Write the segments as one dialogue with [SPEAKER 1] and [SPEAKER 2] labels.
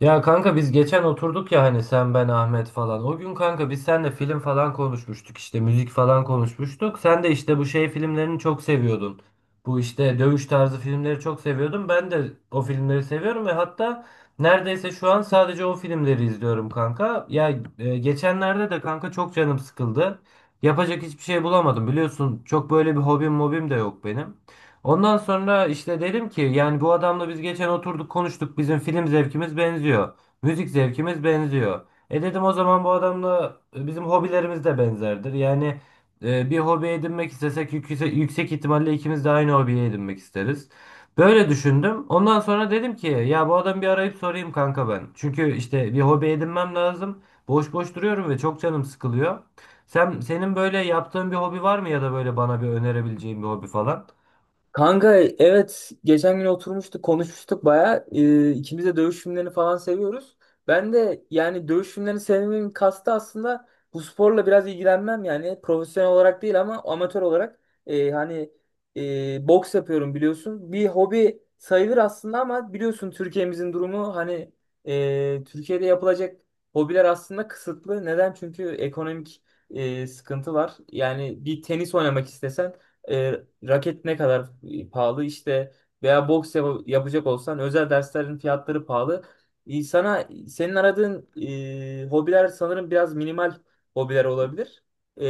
[SPEAKER 1] Ya kanka biz geçen oturduk ya hani sen ben Ahmet falan. O gün kanka biz seninle film falan konuşmuştuk işte müzik falan konuşmuştuk. Sen de işte bu şey filmlerini çok seviyordun. Bu işte dövüş tarzı filmleri çok seviyordun. Ben de o filmleri seviyorum ve hatta neredeyse şu an sadece o filmleri izliyorum kanka. Geçenlerde de kanka çok canım sıkıldı. Yapacak hiçbir şey bulamadım. Biliyorsun çok böyle bir hobim mobim de yok benim. Ondan sonra işte dedim ki yani bu adamla biz geçen oturduk konuştuk bizim film zevkimiz benziyor. Müzik zevkimiz benziyor. E dedim o zaman bu adamla bizim hobilerimiz de benzerdir. Yani bir hobi edinmek istesek yüksek ihtimalle ikimiz de aynı hobiyi edinmek isteriz. Böyle düşündüm. Ondan sonra dedim ki ya bu adamı bir arayıp sorayım kanka ben. Çünkü işte bir hobi edinmem lazım. Boş boş duruyorum ve çok canım sıkılıyor. Senin böyle yaptığın bir hobi var mı ya da böyle bana bir önerebileceğin bir hobi falan?
[SPEAKER 2] Kanka, evet, geçen gün oturmuştuk konuşmuştuk baya ikimiz de dövüş filmlerini falan seviyoruz. Ben de yani dövüş filmlerini sevmemin kastı aslında bu sporla biraz ilgilenmem, yani profesyonel olarak değil ama amatör olarak hani boks yapıyorum biliyorsun. Bir hobi sayılır aslında ama biliyorsun Türkiye'mizin durumu, hani Türkiye'de yapılacak hobiler aslında kısıtlı. Neden? Çünkü ekonomik sıkıntı var. Yani bir tenis oynamak istesen raket ne kadar pahalı işte, veya yapacak olsan özel derslerin fiyatları pahalı. Sana senin aradığın hobiler sanırım biraz minimal hobiler olabilir. E,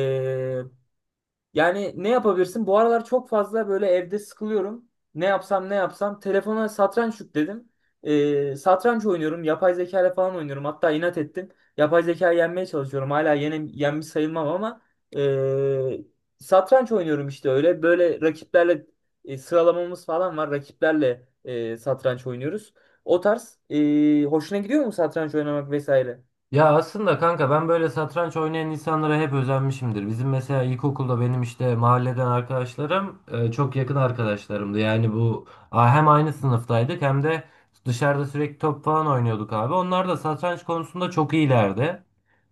[SPEAKER 2] Yani ne yapabilirsin? Bu aralar çok fazla böyle evde sıkılıyorum. Ne yapsam ne yapsam. Telefona satranç yükledim. Satranç oynuyorum. Yapay zeka ile falan oynuyorum. Hatta inat ettim. Yapay zeka yenmeye çalışıyorum. Hala yenmiş sayılmam ama ee, satranç oynuyorum işte öyle. Böyle rakiplerle sıralamamız falan var. Rakiplerle satranç oynuyoruz. O tarz, hoşuna gidiyor mu satranç oynamak vesaire?
[SPEAKER 1] Ya aslında kanka ben böyle satranç oynayan insanlara hep özenmişimdir. Bizim mesela ilkokulda benim işte mahalleden arkadaşlarım çok yakın arkadaşlarımdı. Yani hem aynı sınıftaydık hem de dışarıda sürekli top falan oynuyorduk abi. Onlar da satranç konusunda çok iyilerdi.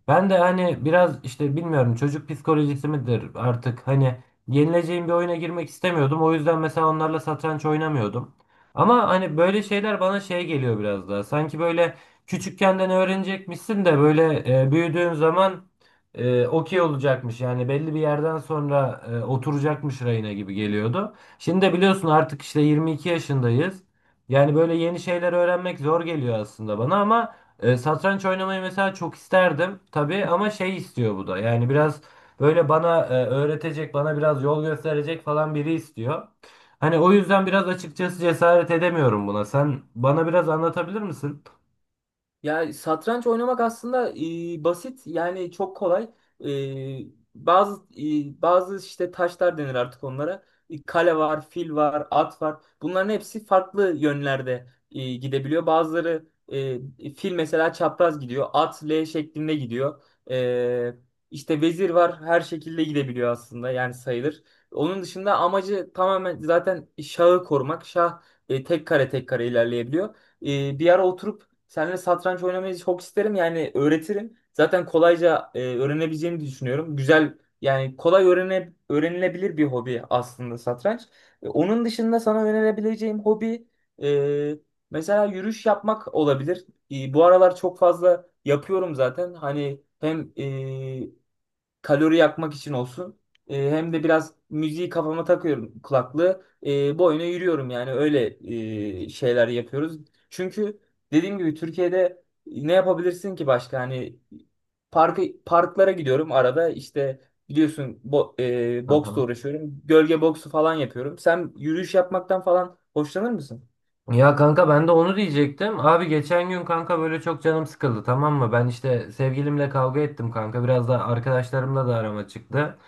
[SPEAKER 1] Ben de hani biraz işte bilmiyorum çocuk psikolojisi midir artık hani yenileceğim bir oyuna girmek istemiyordum. O yüzden mesela onlarla satranç oynamıyordum. Ama hani böyle şeyler bana şey geliyor biraz daha. Sanki böyle küçükken de ne öğrenecekmişsin de büyüdüğün zaman okey olacakmış. Yani belli bir yerden sonra oturacakmış rayına gibi geliyordu. Şimdi de biliyorsun artık işte 22 yaşındayız. Yani böyle yeni şeyler öğrenmek zor geliyor aslında bana ama satranç oynamayı mesela çok isterdim tabii ama şey istiyor bu da. Yani biraz böyle bana öğretecek, bana biraz yol gösterecek falan biri istiyor. Hani o yüzden biraz açıkçası cesaret edemiyorum buna. Sen bana biraz anlatabilir misin?
[SPEAKER 2] Ya satranç oynamak aslında basit, yani çok kolay. E, bazı işte taşlar denir artık onlara. Kale var, fil var, at var. Bunların hepsi farklı yönlerde gidebiliyor. Bazıları, fil mesela çapraz gidiyor, at L şeklinde gidiyor. E, işte vezir var, her şekilde gidebiliyor aslında yani sayılır. Onun dışında amacı tamamen zaten şahı korumak. Şah tek kare tek kare ilerleyebiliyor. Bir ara oturup seninle satranç oynamayı çok isterim. Yani öğretirim. Zaten kolayca öğrenebileceğimi düşünüyorum. Güzel, yani kolay öğrenilebilir bir hobi aslında satranç. Onun dışında sana önerebileceğim hobi, e, mesela yürüyüş yapmak olabilir. Bu aralar çok fazla yapıyorum zaten. Hani hem kalori yakmak için olsun. Hem de biraz müziği kafama takıyorum kulaklığı. Boyuna yürüyorum, yani öyle şeyler yapıyoruz. Çünkü dediğim gibi Türkiye'de ne yapabilirsin ki başka? Hani parklara gidiyorum arada, işte biliyorsun boksla uğraşıyorum. Gölge boksu falan yapıyorum. Sen yürüyüş yapmaktan falan hoşlanır mısın?
[SPEAKER 1] Ya kanka ben de onu diyecektim. Abi geçen gün kanka böyle çok canım sıkıldı, tamam mı? Ben işte sevgilimle kavga ettim kanka. Biraz da arkadaşlarımla da arama çıktı.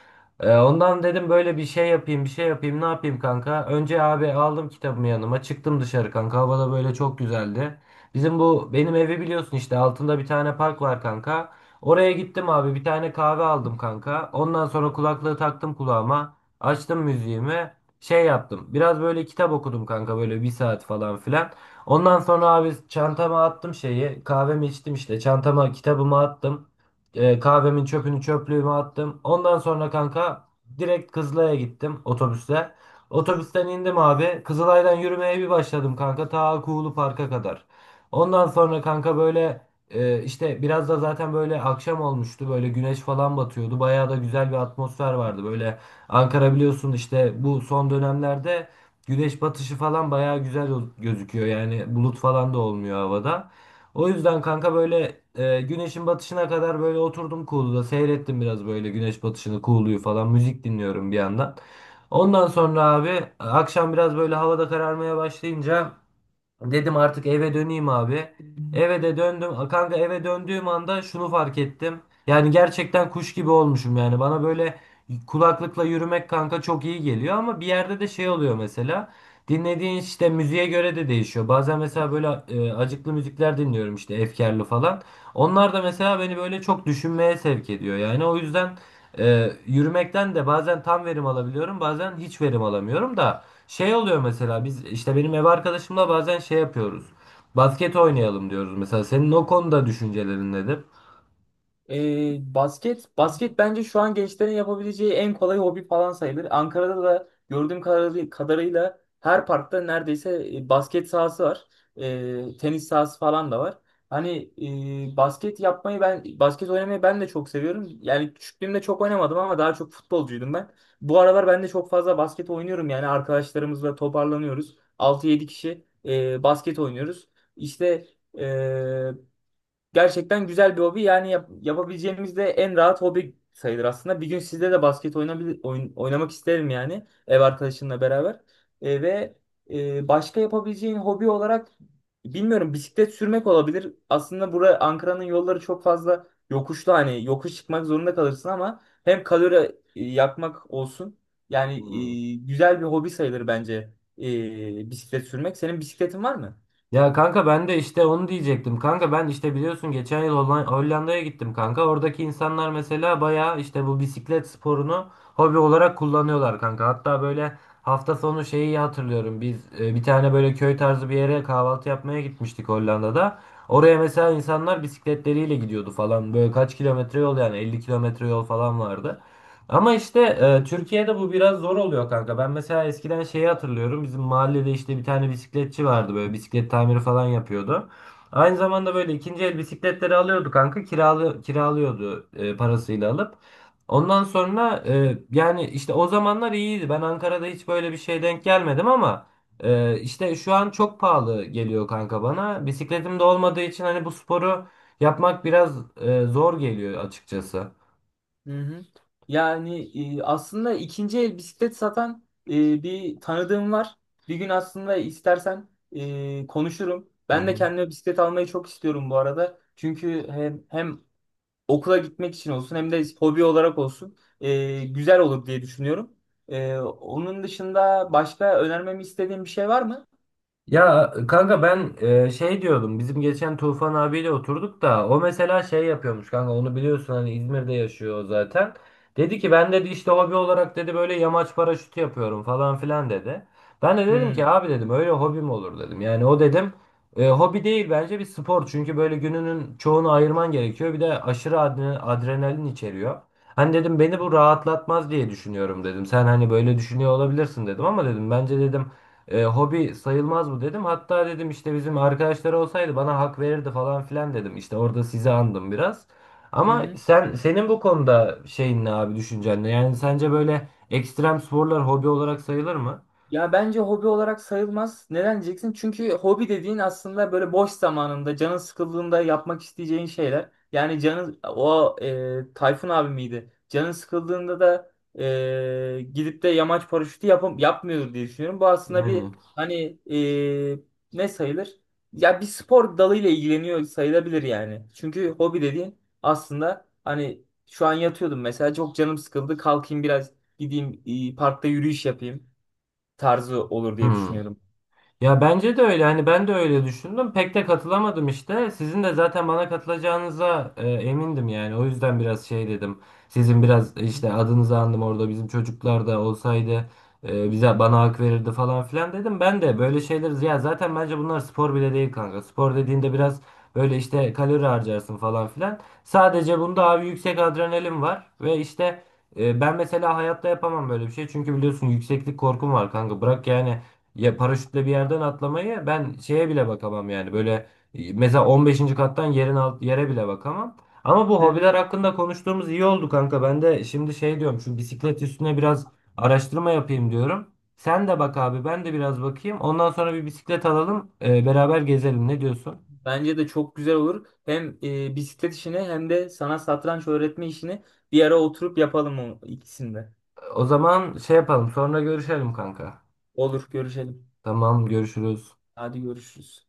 [SPEAKER 1] Ondan dedim böyle bir şey yapayım bir şey yapayım ne yapayım kanka. Önce abi aldım kitabımı yanıma çıktım dışarı kanka. Hava da böyle çok güzeldi. Bizim bu benim evi biliyorsun işte altında bir tane park var kanka. Oraya gittim abi bir tane kahve aldım kanka. Ondan sonra kulaklığı taktım kulağıma. Açtım müziğimi şey yaptım. Biraz böyle kitap okudum kanka böyle bir saat falan filan. Ondan sonra abi çantama attım şeyi. Kahvemi içtim işte. Çantama kitabımı attım. Kahvemin çöpünü çöplüğüme attım. Ondan sonra kanka direkt Kızılay'a gittim otobüsle. Otobüsten indim abi. Kızılay'dan yürümeye bir başladım kanka. Ta Kuğulu Park'a kadar. Ondan sonra kanka işte biraz da zaten böyle akşam olmuştu. Böyle güneş falan batıyordu. Bayağı da güzel bir atmosfer vardı. Böyle Ankara biliyorsun işte bu son dönemlerde güneş batışı falan bayağı güzel gözüküyor. Yani bulut falan da olmuyor havada. O yüzden kanka güneşin batışına kadar böyle oturdum Kuğulu'da seyrettim biraz böyle güneş batışını Kuğulu'yu falan müzik dinliyorum bir yandan. Ondan sonra abi akşam biraz böyle havada kararmaya başlayınca dedim artık eve döneyim abi. Eve de döndüm. A, kanka eve döndüğüm anda şunu fark ettim. Yani gerçekten kuş gibi olmuşum yani. Bana böyle kulaklıkla yürümek kanka çok iyi geliyor ama bir yerde de şey oluyor mesela. Dinlediğin işte müziğe göre de değişiyor. Bazen mesela acıklı müzikler dinliyorum işte efkarlı falan. Onlar da mesela beni böyle çok düşünmeye sevk ediyor. Yani o yüzden yürümekten de bazen tam verim alabiliyorum, bazen hiç verim alamıyorum da. Şey oluyor mesela biz işte benim ev arkadaşımla bazen şey yapıyoruz. Basket oynayalım diyoruz mesela. Senin o konuda düşüncelerin nedir?
[SPEAKER 2] Basket bence şu an gençlerin yapabileceği en kolay hobi falan sayılır. Ankara'da da gördüğüm kadarıyla her parkta neredeyse basket sahası var. Tenis sahası falan da var. Hani basket oynamayı ben de çok seviyorum. Yani küçüklüğümde çok oynamadım ama daha çok futbolcuydum ben. Bu aralar ben de çok fazla basket oynuyorum, yani arkadaşlarımızla toparlanıyoruz. Altı yedi kişi basket oynuyoruz. İşte e, Gerçekten güzel bir hobi. Yani yapabileceğimiz de en rahat hobi sayılır aslında. Bir gün sizde de oynamak isterim, yani ev arkadaşınla beraber. E, ve Başka yapabileceğin hobi olarak bilmiyorum, bisiklet sürmek olabilir. Aslında bura Ankara'nın yolları çok fazla yokuşlu, hani yokuş çıkmak zorunda kalırsın, ama hem kalori yakmak olsun. Yani güzel bir hobi sayılır bence bisiklet sürmek. Senin bisikletin var mı?
[SPEAKER 1] Ya kanka ben de işte onu diyecektim. Kanka ben işte biliyorsun geçen yıl Hollanda'ya gittim kanka. Oradaki insanlar mesela bayağı işte bu bisiklet sporunu hobi olarak kullanıyorlar kanka. Hatta böyle hafta sonu şeyi hatırlıyorum. Biz bir tane böyle köy tarzı bir yere kahvaltı yapmaya gitmiştik Hollanda'da. Oraya mesela insanlar bisikletleriyle gidiyordu falan. Böyle kaç kilometre yol yani 50 kilometre yol falan vardı. Ama işte Türkiye'de bu biraz zor oluyor kanka. Ben mesela eskiden şeyi hatırlıyorum. Bizim mahallede işte bir tane bisikletçi vardı böyle bisiklet tamiri falan yapıyordu. Aynı zamanda böyle ikinci el bisikletleri alıyordu kanka. Kiralıyordu parasıyla alıp. Ondan sonra yani işte o zamanlar iyiydi. Ben Ankara'da hiç böyle bir şey denk gelmedim ama işte şu an çok pahalı geliyor kanka bana. Bisikletim de olmadığı için hani bu sporu yapmak biraz zor geliyor açıkçası.
[SPEAKER 2] Hı hı. Yani aslında ikinci el bisiklet satan bir tanıdığım var. Bir gün aslında istersen konuşurum.
[SPEAKER 1] Hı
[SPEAKER 2] Ben de
[SPEAKER 1] hı.
[SPEAKER 2] kendime bisiklet almayı çok istiyorum bu arada. Çünkü hem okula gitmek için olsun, hem de hobi olarak olsun güzel olur diye düşünüyorum. Onun dışında başka önermemi istediğin bir şey var mı?
[SPEAKER 1] Ya kanka ben şey diyordum bizim geçen Tufan abiyle oturduk da o mesela şey yapıyormuş kanka onu biliyorsun hani İzmir'de yaşıyor o zaten. Dedi ki ben dedi işte hobi olarak dedi böyle yamaç paraşütü yapıyorum falan filan dedi. Ben de
[SPEAKER 2] Hı
[SPEAKER 1] dedim
[SPEAKER 2] hı.
[SPEAKER 1] ki abi dedim öyle hobi mi olur dedim. Yani o dedim hobi değil bence bir spor çünkü böyle gününün çoğunu ayırman gerekiyor bir de aşırı adrenalin içeriyor. Hani dedim beni bu rahatlatmaz diye düşünüyorum dedim. Sen hani böyle düşünüyor olabilirsin dedim ama dedim bence dedim hobi sayılmaz bu dedim. Hatta dedim işte bizim arkadaşlar olsaydı bana hak verirdi falan filan dedim. İşte orada sizi andım biraz. Ama
[SPEAKER 2] Hı.
[SPEAKER 1] senin bu konuda şeyin ne abi düşüncen ne? Yani sence böyle ekstrem sporlar hobi olarak sayılır mı?
[SPEAKER 2] Ya bence hobi olarak sayılmaz. Neden diyeceksin? Çünkü hobi dediğin aslında böyle boş zamanında, canın sıkıldığında yapmak isteyeceğin şeyler. Yani canın o, Tayfun abi miydi? Canın sıkıldığında da gidip de yamaç paraşütü yapam yapmıyordur diye düşünüyorum. Bu aslında bir,
[SPEAKER 1] Yani.
[SPEAKER 2] hani ne sayılır? Ya bir spor dalıyla ilgileniyor sayılabilir yani. Çünkü hobi dediğin aslında, hani şu an yatıyordum mesela, çok canım sıkıldı. Kalkayım biraz gideyim parkta yürüyüş yapayım tarzı olur diye
[SPEAKER 1] Hmm.
[SPEAKER 2] düşünüyordum.
[SPEAKER 1] Ya bence de öyle. Hani ben de öyle düşündüm. Pek de katılamadım işte. Sizin de zaten bana katılacağınıza emindim yani. O yüzden biraz şey dedim. Sizin biraz
[SPEAKER 2] Hı
[SPEAKER 1] işte adınızı andım orada. Bizim çocuklar da olsaydı e, bize bana hak verirdi falan filan dedim. Ben de böyle şeyler ya zaten bence bunlar spor bile değil kanka. Spor dediğinde biraz böyle işte kalori harcarsın falan filan. Sadece bunda abi yüksek adrenalin var ve işte ben mesela hayatta yapamam böyle bir şey. Çünkü biliyorsun yükseklik korkum var kanka. Bırak yani ya paraşütle bir yerden atlamayı ben şeye bile bakamam yani. Mesela 15. kattan yerin alt yere bile bakamam. Ama bu
[SPEAKER 2] hı.
[SPEAKER 1] hobiler hakkında konuştuğumuz iyi oldu kanka. Ben de şimdi şey diyorum şu bisiklet üstüne biraz araştırma yapayım diyorum. Sen de bak abi ben de biraz bakayım. Ondan sonra bir bisiklet alalım beraber gezelim ne diyorsun?
[SPEAKER 2] Bence de çok güzel olur. Hem bisiklet işini hem de sana satranç öğretme işini bir ara oturup yapalım, o ikisini de.
[SPEAKER 1] O zaman şey yapalım sonra görüşelim kanka.
[SPEAKER 2] Olur, görüşelim.
[SPEAKER 1] Tamam görüşürüz.
[SPEAKER 2] Hadi görüşürüz.